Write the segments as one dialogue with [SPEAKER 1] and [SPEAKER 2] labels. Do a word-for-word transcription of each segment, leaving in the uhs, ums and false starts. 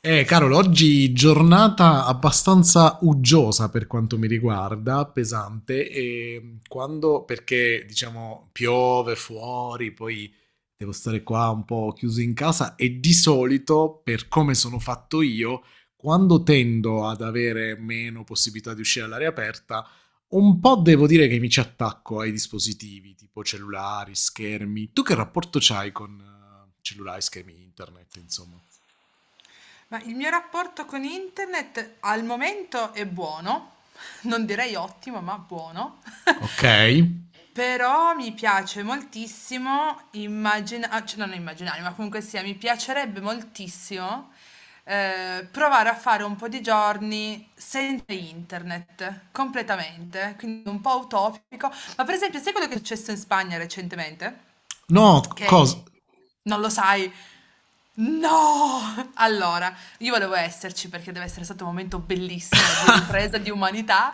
[SPEAKER 1] Eh, Carol, oggi giornata abbastanza uggiosa per quanto mi riguarda, pesante, e quando, perché diciamo piove fuori, poi devo stare qua un po' chiuso in casa e di solito, per come sono fatto io, quando tendo ad avere meno possibilità di uscire all'aria aperta, un po' devo dire che mi ci attacco ai dispositivi, tipo cellulari, schermi. Tu che rapporto c'hai con eh, cellulari, schermi, internet, insomma?
[SPEAKER 2] Ma il mio rapporto con internet al momento è buono, non direi ottimo, ma buono.
[SPEAKER 1] Ok.
[SPEAKER 2] Però mi piace moltissimo immaginare, cioè non immaginare, ma comunque sia, mi piacerebbe moltissimo eh, provare a fare un po' di giorni senza internet, completamente, quindi un po' utopico. Ma per esempio, sai quello che è successo in Spagna recentemente?
[SPEAKER 1] No,
[SPEAKER 2] Okay?
[SPEAKER 1] cosa?
[SPEAKER 2] Non lo sai? No! Allora, io volevo esserci perché deve essere stato un momento bellissimo di ripresa di umanità.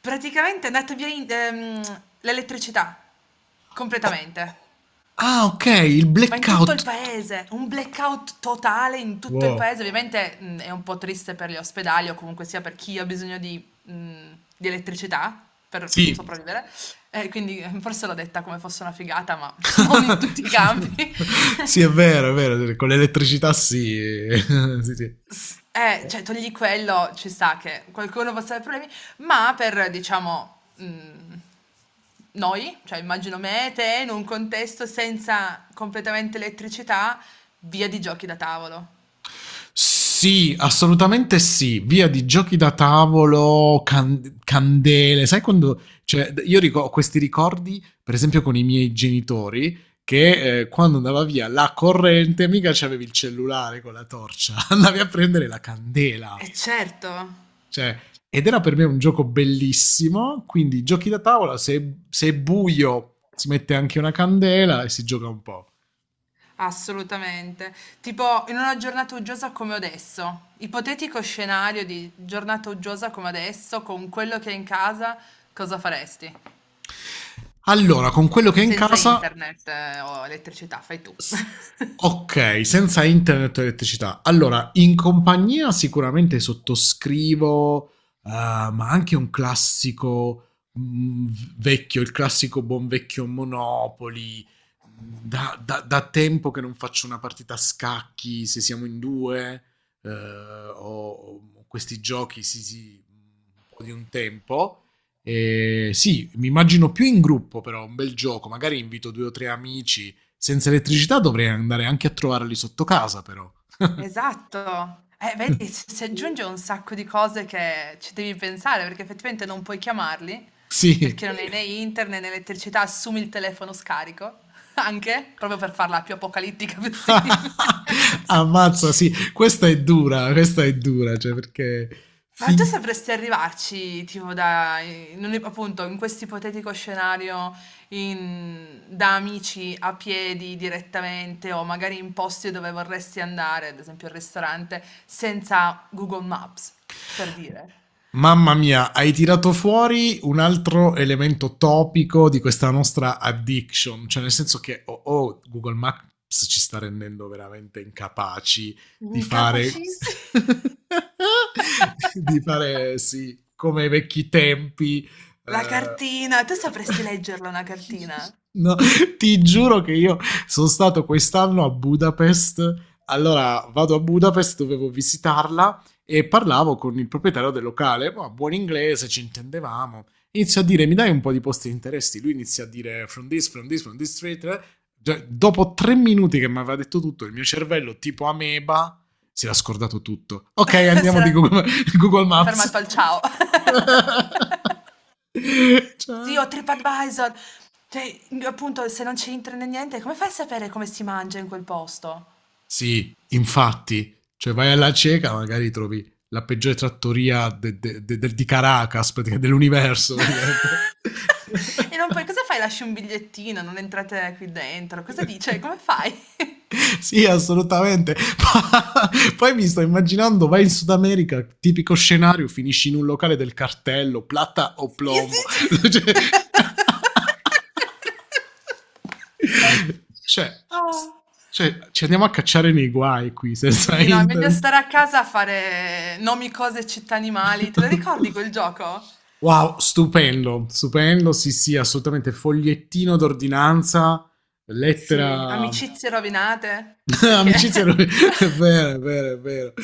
[SPEAKER 2] Praticamente è andata via in ehm, l'elettricità,
[SPEAKER 1] Oh,
[SPEAKER 2] completamente,
[SPEAKER 1] ah, ok, il
[SPEAKER 2] ma in tutto il
[SPEAKER 1] blackout.
[SPEAKER 2] paese, un blackout totale in tutto il
[SPEAKER 1] Wow.
[SPEAKER 2] paese. Ovviamente, mhmm, è un po' triste per gli ospedali o comunque sia per chi ha bisogno di mhmm, di elettricità per
[SPEAKER 1] Sì.
[SPEAKER 2] sopravvivere, e quindi eh, forse l'ho detta come fosse una figata, ma non in tutti i campi.
[SPEAKER 1] Sì, è vero, è vero, sì, con l'elettricità sì. Sì, sì.
[SPEAKER 2] S eh, cioè togli quello, ci sta che qualcuno possa aver problemi, ma per, diciamo, mhmm, noi, cioè immagino me e te, in un contesto senza completamente elettricità, via di giochi da tavolo.
[SPEAKER 1] Sì, assolutamente sì. Via di giochi da tavolo, can- candele. Sai quando. Cioè, io ric- ho questi ricordi, per esempio, con i miei genitori, che eh, quando andava via la corrente, mica c'avevi il cellulare con la torcia, andavi a prendere la
[SPEAKER 2] E
[SPEAKER 1] candela.
[SPEAKER 2] certo,
[SPEAKER 1] Cioè, ed era per me un gioco bellissimo, quindi giochi da tavola, se, se è buio si mette anche una candela e si gioca un po'.
[SPEAKER 2] assolutamente. Tipo, in una giornata uggiosa come adesso, ipotetico scenario di giornata uggiosa come adesso, con quello che hai in casa, cosa faresti?
[SPEAKER 1] Allora, con quello che è in
[SPEAKER 2] Senza
[SPEAKER 1] casa.
[SPEAKER 2] internet eh, o elettricità, fai tu.
[SPEAKER 1] S- Ok, senza internet e elettricità. Allora, in compagnia sicuramente sottoscrivo, eh, ma anche un classico mm, v- vecchio, il classico buon vecchio Monopoli. Da, da- da tempo che non faccio una partita a scacchi, se siamo in due, eh, o, o questi giochi, sì, sì, un po' di un tempo. Eh, sì, mi immagino più in gruppo, però un bel gioco. Magari invito due o tre amici. Senza elettricità dovrei andare anche a trovarli sotto casa, però.
[SPEAKER 2] Esatto. Eh, vedi, s si aggiunge un sacco di cose che ci devi pensare, perché effettivamente non puoi chiamarli,
[SPEAKER 1] Sì,
[SPEAKER 2] perché non hai né internet né elettricità, assumi il telefono scarico, anche, proprio per farla più apocalittica possibile.
[SPEAKER 1] ammazza, sì, questa è dura, questa è dura, cioè perché.
[SPEAKER 2] Ma tu
[SPEAKER 1] fin-
[SPEAKER 2] sapresti arrivarci, tipo, da, in un- appunto, in questo ipotetico scenario, in- da amici a piedi direttamente o magari in posti dove vorresti andare, ad esempio al ristorante, senza Google Maps, per dire.
[SPEAKER 1] Mamma mia, hai tirato fuori un altro elemento topico di questa nostra addiction, cioè nel senso che oh, oh, Google Maps ci sta rendendo veramente incapaci di fare,
[SPEAKER 2] Incapacissimi.
[SPEAKER 1] di fare sì, come ai vecchi tempi.
[SPEAKER 2] La cartina, tu
[SPEAKER 1] eh.
[SPEAKER 2] sapresti leggerla una cartina?
[SPEAKER 1] No, ti giuro che io sono stato quest'anno a Budapest. Allora vado a Budapest, dovevo visitarla e parlavo con il proprietario del locale, oh, buon inglese, ci intendevamo. Inizio a dire, mi dai un po' di posti di interessi? Lui inizia a dire, from this, from this, from this street. Cioè, dopo tre minuti che mi aveva detto tutto, il mio cervello, tipo ameba, si era scordato tutto. Ok,
[SPEAKER 2] Si
[SPEAKER 1] andiamo di
[SPEAKER 2] era
[SPEAKER 1] Google, Google Maps.
[SPEAKER 2] fermato al ciao. Sì, ho
[SPEAKER 1] Ciao.
[SPEAKER 2] TripAdvisor. Cioè, appunto, se non ci entri né niente, come fai a sapere come si mangia in quel posto?
[SPEAKER 1] Sì, infatti, cioè vai alla cieca, magari trovi la peggiore trattoria de- de- de- del- di Caracas, praticamente, dell'universo, praticamente.
[SPEAKER 2] E non puoi, cosa fai? Lasci un bigliettino, non entrate qui dentro. Cosa dice? Come fai?
[SPEAKER 1] Sì, assolutamente. Ma- Poi mi sto immaginando, vai in Sud America, tipico scenario, finisci in un locale del cartello, plata o
[SPEAKER 2] Sì,
[SPEAKER 1] plombo. Cioè,
[SPEAKER 2] sì.
[SPEAKER 1] cioè, s-
[SPEAKER 2] Oh.
[SPEAKER 1] cioè, ci andiamo a cacciare nei guai qui senza
[SPEAKER 2] Sì, no, è meglio
[SPEAKER 1] internet.
[SPEAKER 2] stare a casa a fare nomi, cose, città, animali. Te lo ricordi quel gioco?
[SPEAKER 1] Wow, stupendo, stupendo, sì, sì, assolutamente, fogliettino d'ordinanza,
[SPEAKER 2] Sì,
[SPEAKER 1] lettera,
[SPEAKER 2] amicizie rovinate, perché...
[SPEAKER 1] amicizie rovinate, è vero, è vero, è vero,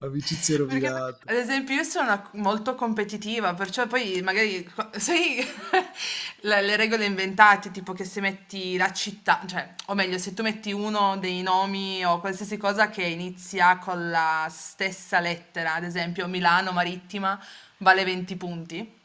[SPEAKER 1] amicizie
[SPEAKER 2] Perché poi,
[SPEAKER 1] rovinate.
[SPEAKER 2] ad esempio io sono una- molto competitiva, perciò poi magari, co- sai, le, le regole inventate, tipo che se metti la città, cioè, o meglio, se tu metti uno dei nomi o qualsiasi cosa che inizia con la stessa lettera, ad esempio Milano Marittima vale venti punti.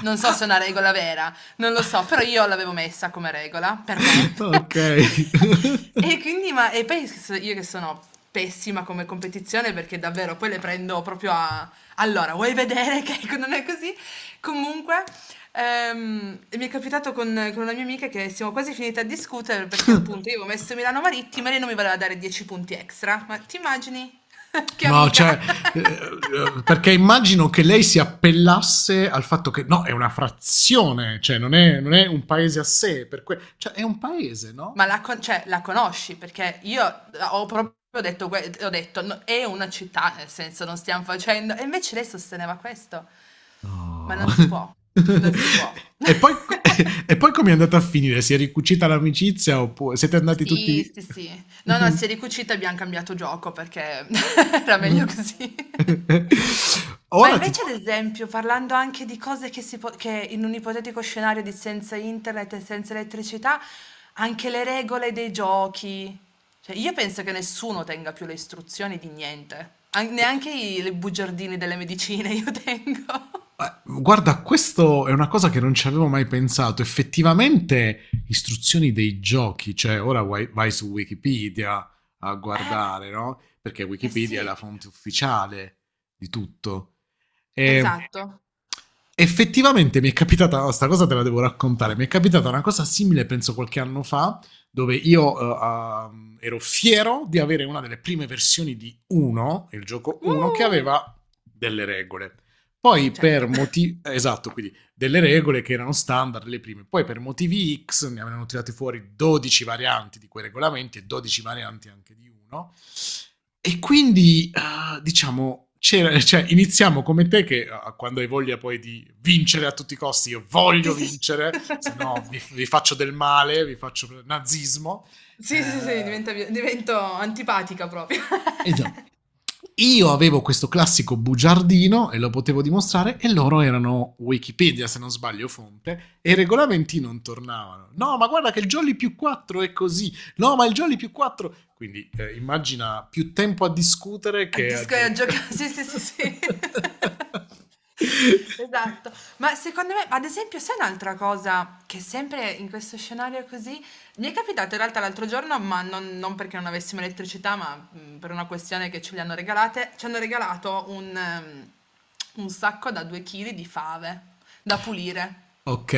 [SPEAKER 2] Non so
[SPEAKER 1] Ah,
[SPEAKER 2] se è una regola vera, non lo so, però io l'avevo messa come regola, per me.
[SPEAKER 1] ok.
[SPEAKER 2] E quindi, ma, e poi s- io che sono pessima come competizione perché davvero poi le prendo proprio a... Allora, vuoi vedere che non è così? Comunque, ehm, mi è capitato con, con una mia amica che siamo quasi finite a discutere perché appunto io avevo messo Milano Marittima e lei non mi voleva dare dieci punti extra. Ma ti immagini? Che
[SPEAKER 1] No,
[SPEAKER 2] amica!
[SPEAKER 1] cioè, eh, eh, perché immagino che lei si appellasse al fatto che no, è una frazione, cioè non è, non è un paese a sé, per que- cioè è un paese, no?
[SPEAKER 2] Ma la con cioè la conosci? Perché io ho proprio detto que ho detto: "No è una città, nel senso non stiamo facendo" e invece lei sosteneva questo. Ma
[SPEAKER 1] No.
[SPEAKER 2] non si può, non si può.
[SPEAKER 1] E poi co e poi com'è andata a finire? Si è ricucita l'amicizia oppu siete andati tutti.
[SPEAKER 2] Sì, sì, sì. No, no, si è ricucita e abbiamo cambiato gioco perché era meglio così. Ma
[SPEAKER 1] Ora ti.
[SPEAKER 2] invece, ad esempio, parlando anche di cose che, si po- che in un ipotetico scenario di senza internet e senza elettricità, anche le regole dei giochi. Cioè, io penso che nessuno tenga più le istruzioni di niente, An-
[SPEAKER 1] E
[SPEAKER 2] neanche i le bugiardini delle medicine io tengo.
[SPEAKER 1] a, guarda, questo è una cosa che non ci avevo mai pensato. Effettivamente istruzioni dei giochi, cioè ora vai vai su Wikipedia a
[SPEAKER 2] Eh,
[SPEAKER 1] guardare, no, perché
[SPEAKER 2] eh
[SPEAKER 1] Wikipedia è
[SPEAKER 2] sì,
[SPEAKER 1] la fonte ufficiale di tutto. Ehm
[SPEAKER 2] esatto.
[SPEAKER 1] Effettivamente mi è capitata, oh, sta cosa te la devo raccontare, mi è capitata una cosa simile, penso qualche anno fa, dove io eh, ehm, ero fiero di avere una delle prime versioni di uno, il gioco uno, che
[SPEAKER 2] Uh,
[SPEAKER 1] aveva delle regole. Poi per
[SPEAKER 2] certo.
[SPEAKER 1] motivi. Esatto, quindi delle regole che erano standard le prime. Poi per motivi X ne avevano tirate fuori dodici varianti di quei regolamenti e dodici varianti anche di uno. E quindi, eh, diciamo, c'era- cioè, iniziamo come te che eh, quando hai voglia poi di vincere a tutti i costi, io
[SPEAKER 2] Sì,
[SPEAKER 1] voglio
[SPEAKER 2] sì. Sì.
[SPEAKER 1] vincere, se no vi, vi faccio del male, vi faccio nazismo.
[SPEAKER 2] Sì, sì, sì,
[SPEAKER 1] Eh,
[SPEAKER 2] diventa vie divento antipatica proprio.
[SPEAKER 1] Esatto. Io avevo questo classico bugiardino e lo potevo dimostrare e loro erano Wikipedia, se non sbaglio, fonte, e i regolamenti non tornavano. No, ma guarda che il Jolly più quattro è così. No, ma il Jolly più quattro. Quindi eh, immagina più tempo a discutere
[SPEAKER 2] Al
[SPEAKER 1] che a
[SPEAKER 2] disco e a
[SPEAKER 1] giocare.
[SPEAKER 2] gioca sì, sì, sì, sì. Esatto. Ma secondo me ad esempio sai un'altra cosa che sempre in questo scenario così mi è capitato in realtà l'altro giorno, ma non non perché non avessimo elettricità, ma, mhmm, per una questione che ce le hanno regalate, ci hanno regalato un ehm, un sacco da due chili di fave da pulire.
[SPEAKER 1] Ok,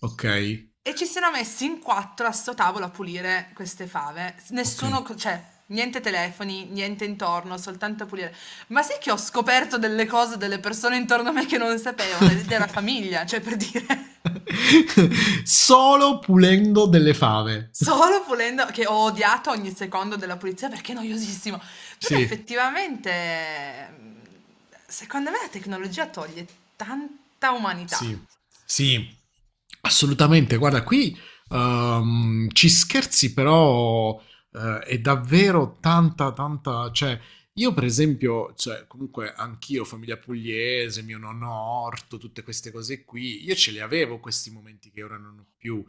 [SPEAKER 1] ok,
[SPEAKER 2] E ci siano messi in quattro a 'sto tavolo a pulire queste fave. S
[SPEAKER 1] ok.
[SPEAKER 2] nessuno co cioè, niente telefoni, niente intorno, soltanto a pulire. Ma sai che ho scoperto delle cose, delle persone intorno a me che non sapevano ed era famiglia, cioè per dire.
[SPEAKER 1] Solo pulendo delle fave.
[SPEAKER 2] Solo pulendo che ho odiato ogni secondo della pulizia perché è noiosissimo. Però
[SPEAKER 1] Sì,
[SPEAKER 2] effettivamente, mhmm, secondo me la tecnologia toglie tanta umanità.
[SPEAKER 1] sì, sì, assolutamente. Guarda, qui ehm, ci scherzi, però eh, è davvero tanta, tanta. Cioè, io per esempio, cioè, comunque anch'io, famiglia pugliese, mio nonno Orto, tutte queste cose qui, io ce le avevo questi momenti che ora non ho più.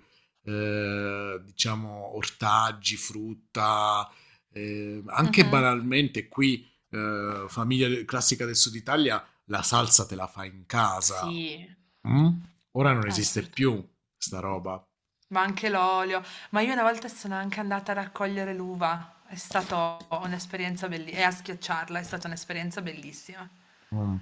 [SPEAKER 1] eh, diciamo, ortaggi, frutta, eh, anche
[SPEAKER 2] Mh-mh.
[SPEAKER 1] banalmente qui, eh, famiglia classica del Sud Italia la salsa te la fai in casa.
[SPEAKER 2] Sì,
[SPEAKER 1] Mh? Ora non esiste
[SPEAKER 2] assoluta.
[SPEAKER 1] più sta roba.
[SPEAKER 2] Ma anche l'olio. Ma io una volta sono anche andata a raccogliere l'uva. È stata un'esperienza bellissima. E a schiacciarla è stata un'esperienza bellissima.
[SPEAKER 1] Mh.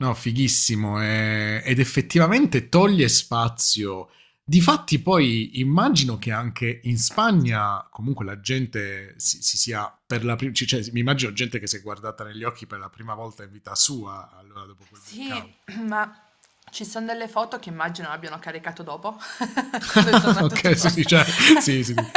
[SPEAKER 1] No, fighissimo, ehm, ed effettivamente toglie spazio. Difatti poi immagino che anche in Spagna comunque la gente si si sia per la pri c cioè mi immagino gente che si è guardata negli occhi per la prima volta in vita sua allora dopo quel blackout.
[SPEAKER 2] Sì, ma ci sono delle foto che immagino abbiano caricato dopo, quando è tornato tutto
[SPEAKER 1] Okay, sì, sì,
[SPEAKER 2] posto.
[SPEAKER 1] cioè sì, sì, sì.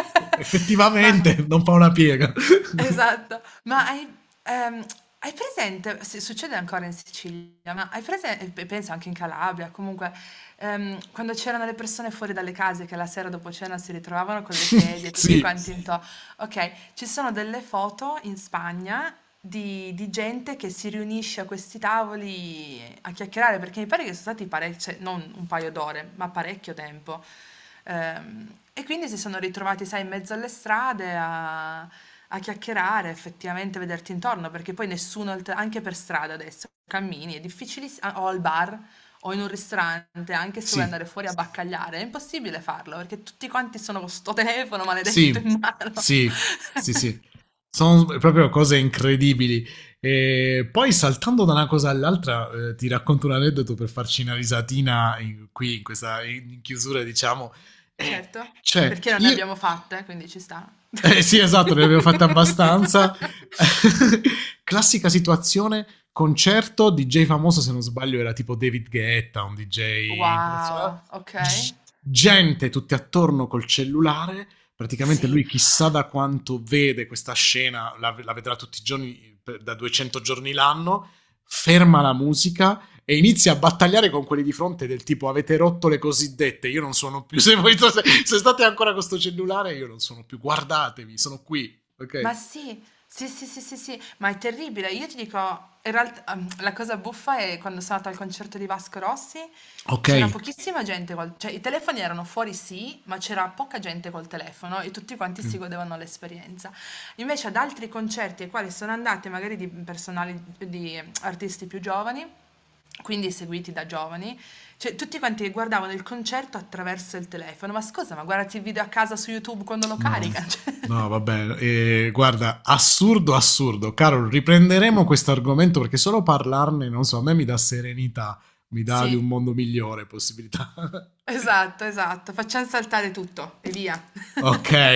[SPEAKER 2] Ma
[SPEAKER 1] Effettivamente non fa una piega.
[SPEAKER 2] Esatto, ma hai ehm, hai presente se succede ancora in Sicilia, ma hai presen e pe penso anche in Calabria, comunque, ehm, quando c'erano le persone fuori dalle case che la sera dopo cena si ritrovavano con le sedie, tutti
[SPEAKER 1] Sì,
[SPEAKER 2] quanti sì. Into okay, ci sono delle foto in Spagna di di gente che si riunisce a questi tavoli a chiacchierare, perché mi pare che sono stati parec cioè non un paio d'ore, ma parecchio tempo. Ehm, e quindi si sono ritrovati, sai, in mezzo alle strade a a chiacchierare, effettivamente vederti intorno, perché poi nessuno al t anche per strada adesso cammini, è difficilis a o al bar, o in un ristorante, anche se vuoi
[SPEAKER 1] sì.
[SPEAKER 2] andare fuori a baccagliare, è impossibile farlo perché tutti quanti sono con sto telefono maledetto
[SPEAKER 1] Sì,
[SPEAKER 2] in mano.
[SPEAKER 1] sì, sì, sì. Sono proprio cose incredibili. E poi saltando da una cosa all'altra, eh, ti racconto un aneddoto per farci una risatina in- qui in questa in in chiusura, diciamo. Eh,
[SPEAKER 2] Certo,
[SPEAKER 1] cioè,
[SPEAKER 2] perché non ne
[SPEAKER 1] io
[SPEAKER 2] abbiamo fatte, quindi ci sta.
[SPEAKER 1] eh, sì, esatto, ne abbiamo fatte abbastanza. Classica situazione, concerto, D J famoso, se non sbaglio era tipo David Guetta, un D J internazionale.
[SPEAKER 2] Wow, ok.
[SPEAKER 1] G- gente tutti attorno col cellulare, praticamente
[SPEAKER 2] Sì,
[SPEAKER 1] lui chissà da quanto vede questa scena, la, la vedrà tutti i giorni, per- da duecento giorni l'anno, ferma la musica, e inizia a battagliare con quelli di fronte del tipo avete rotto le cosiddette, io non sono più, se, voi, se, se state ancora con sto cellulare io non sono più, guardatemi, sono qui,
[SPEAKER 2] ma
[SPEAKER 1] ok?
[SPEAKER 2] sì, sì, sì, sì, sì, sì, ma è terribile. Io ti dico, in realtà, ehm, la cosa buffa è quando sono andata al concerto di Vasco Rossi,
[SPEAKER 1] Ok,
[SPEAKER 2] c'era pochissima gente, col- cioè i telefoni erano fuori sì, ma c'era poca gente col telefono e tutti quanti si godevano l'esperienza. Invece ad altri concerti ai quali sono andate, magari di personali, di artisti più giovani, quindi seguiti da giovani, cioè tutti quanti guardavano il concerto attraverso il telefono. Ma scusa, ma guardati il video a casa su YouTube quando lo
[SPEAKER 1] no,
[SPEAKER 2] caricano?
[SPEAKER 1] no, vabbè, eh, guarda, assurdo, assurdo, caro, riprenderemo questo argomento perché solo parlarne, non so, a me mi dà serenità, mi dà di
[SPEAKER 2] Cioè,
[SPEAKER 1] un
[SPEAKER 2] sì.
[SPEAKER 1] mondo migliore possibilità.
[SPEAKER 2] Esatto, esatto. Facciam saltare tutto e via.
[SPEAKER 1] Ok.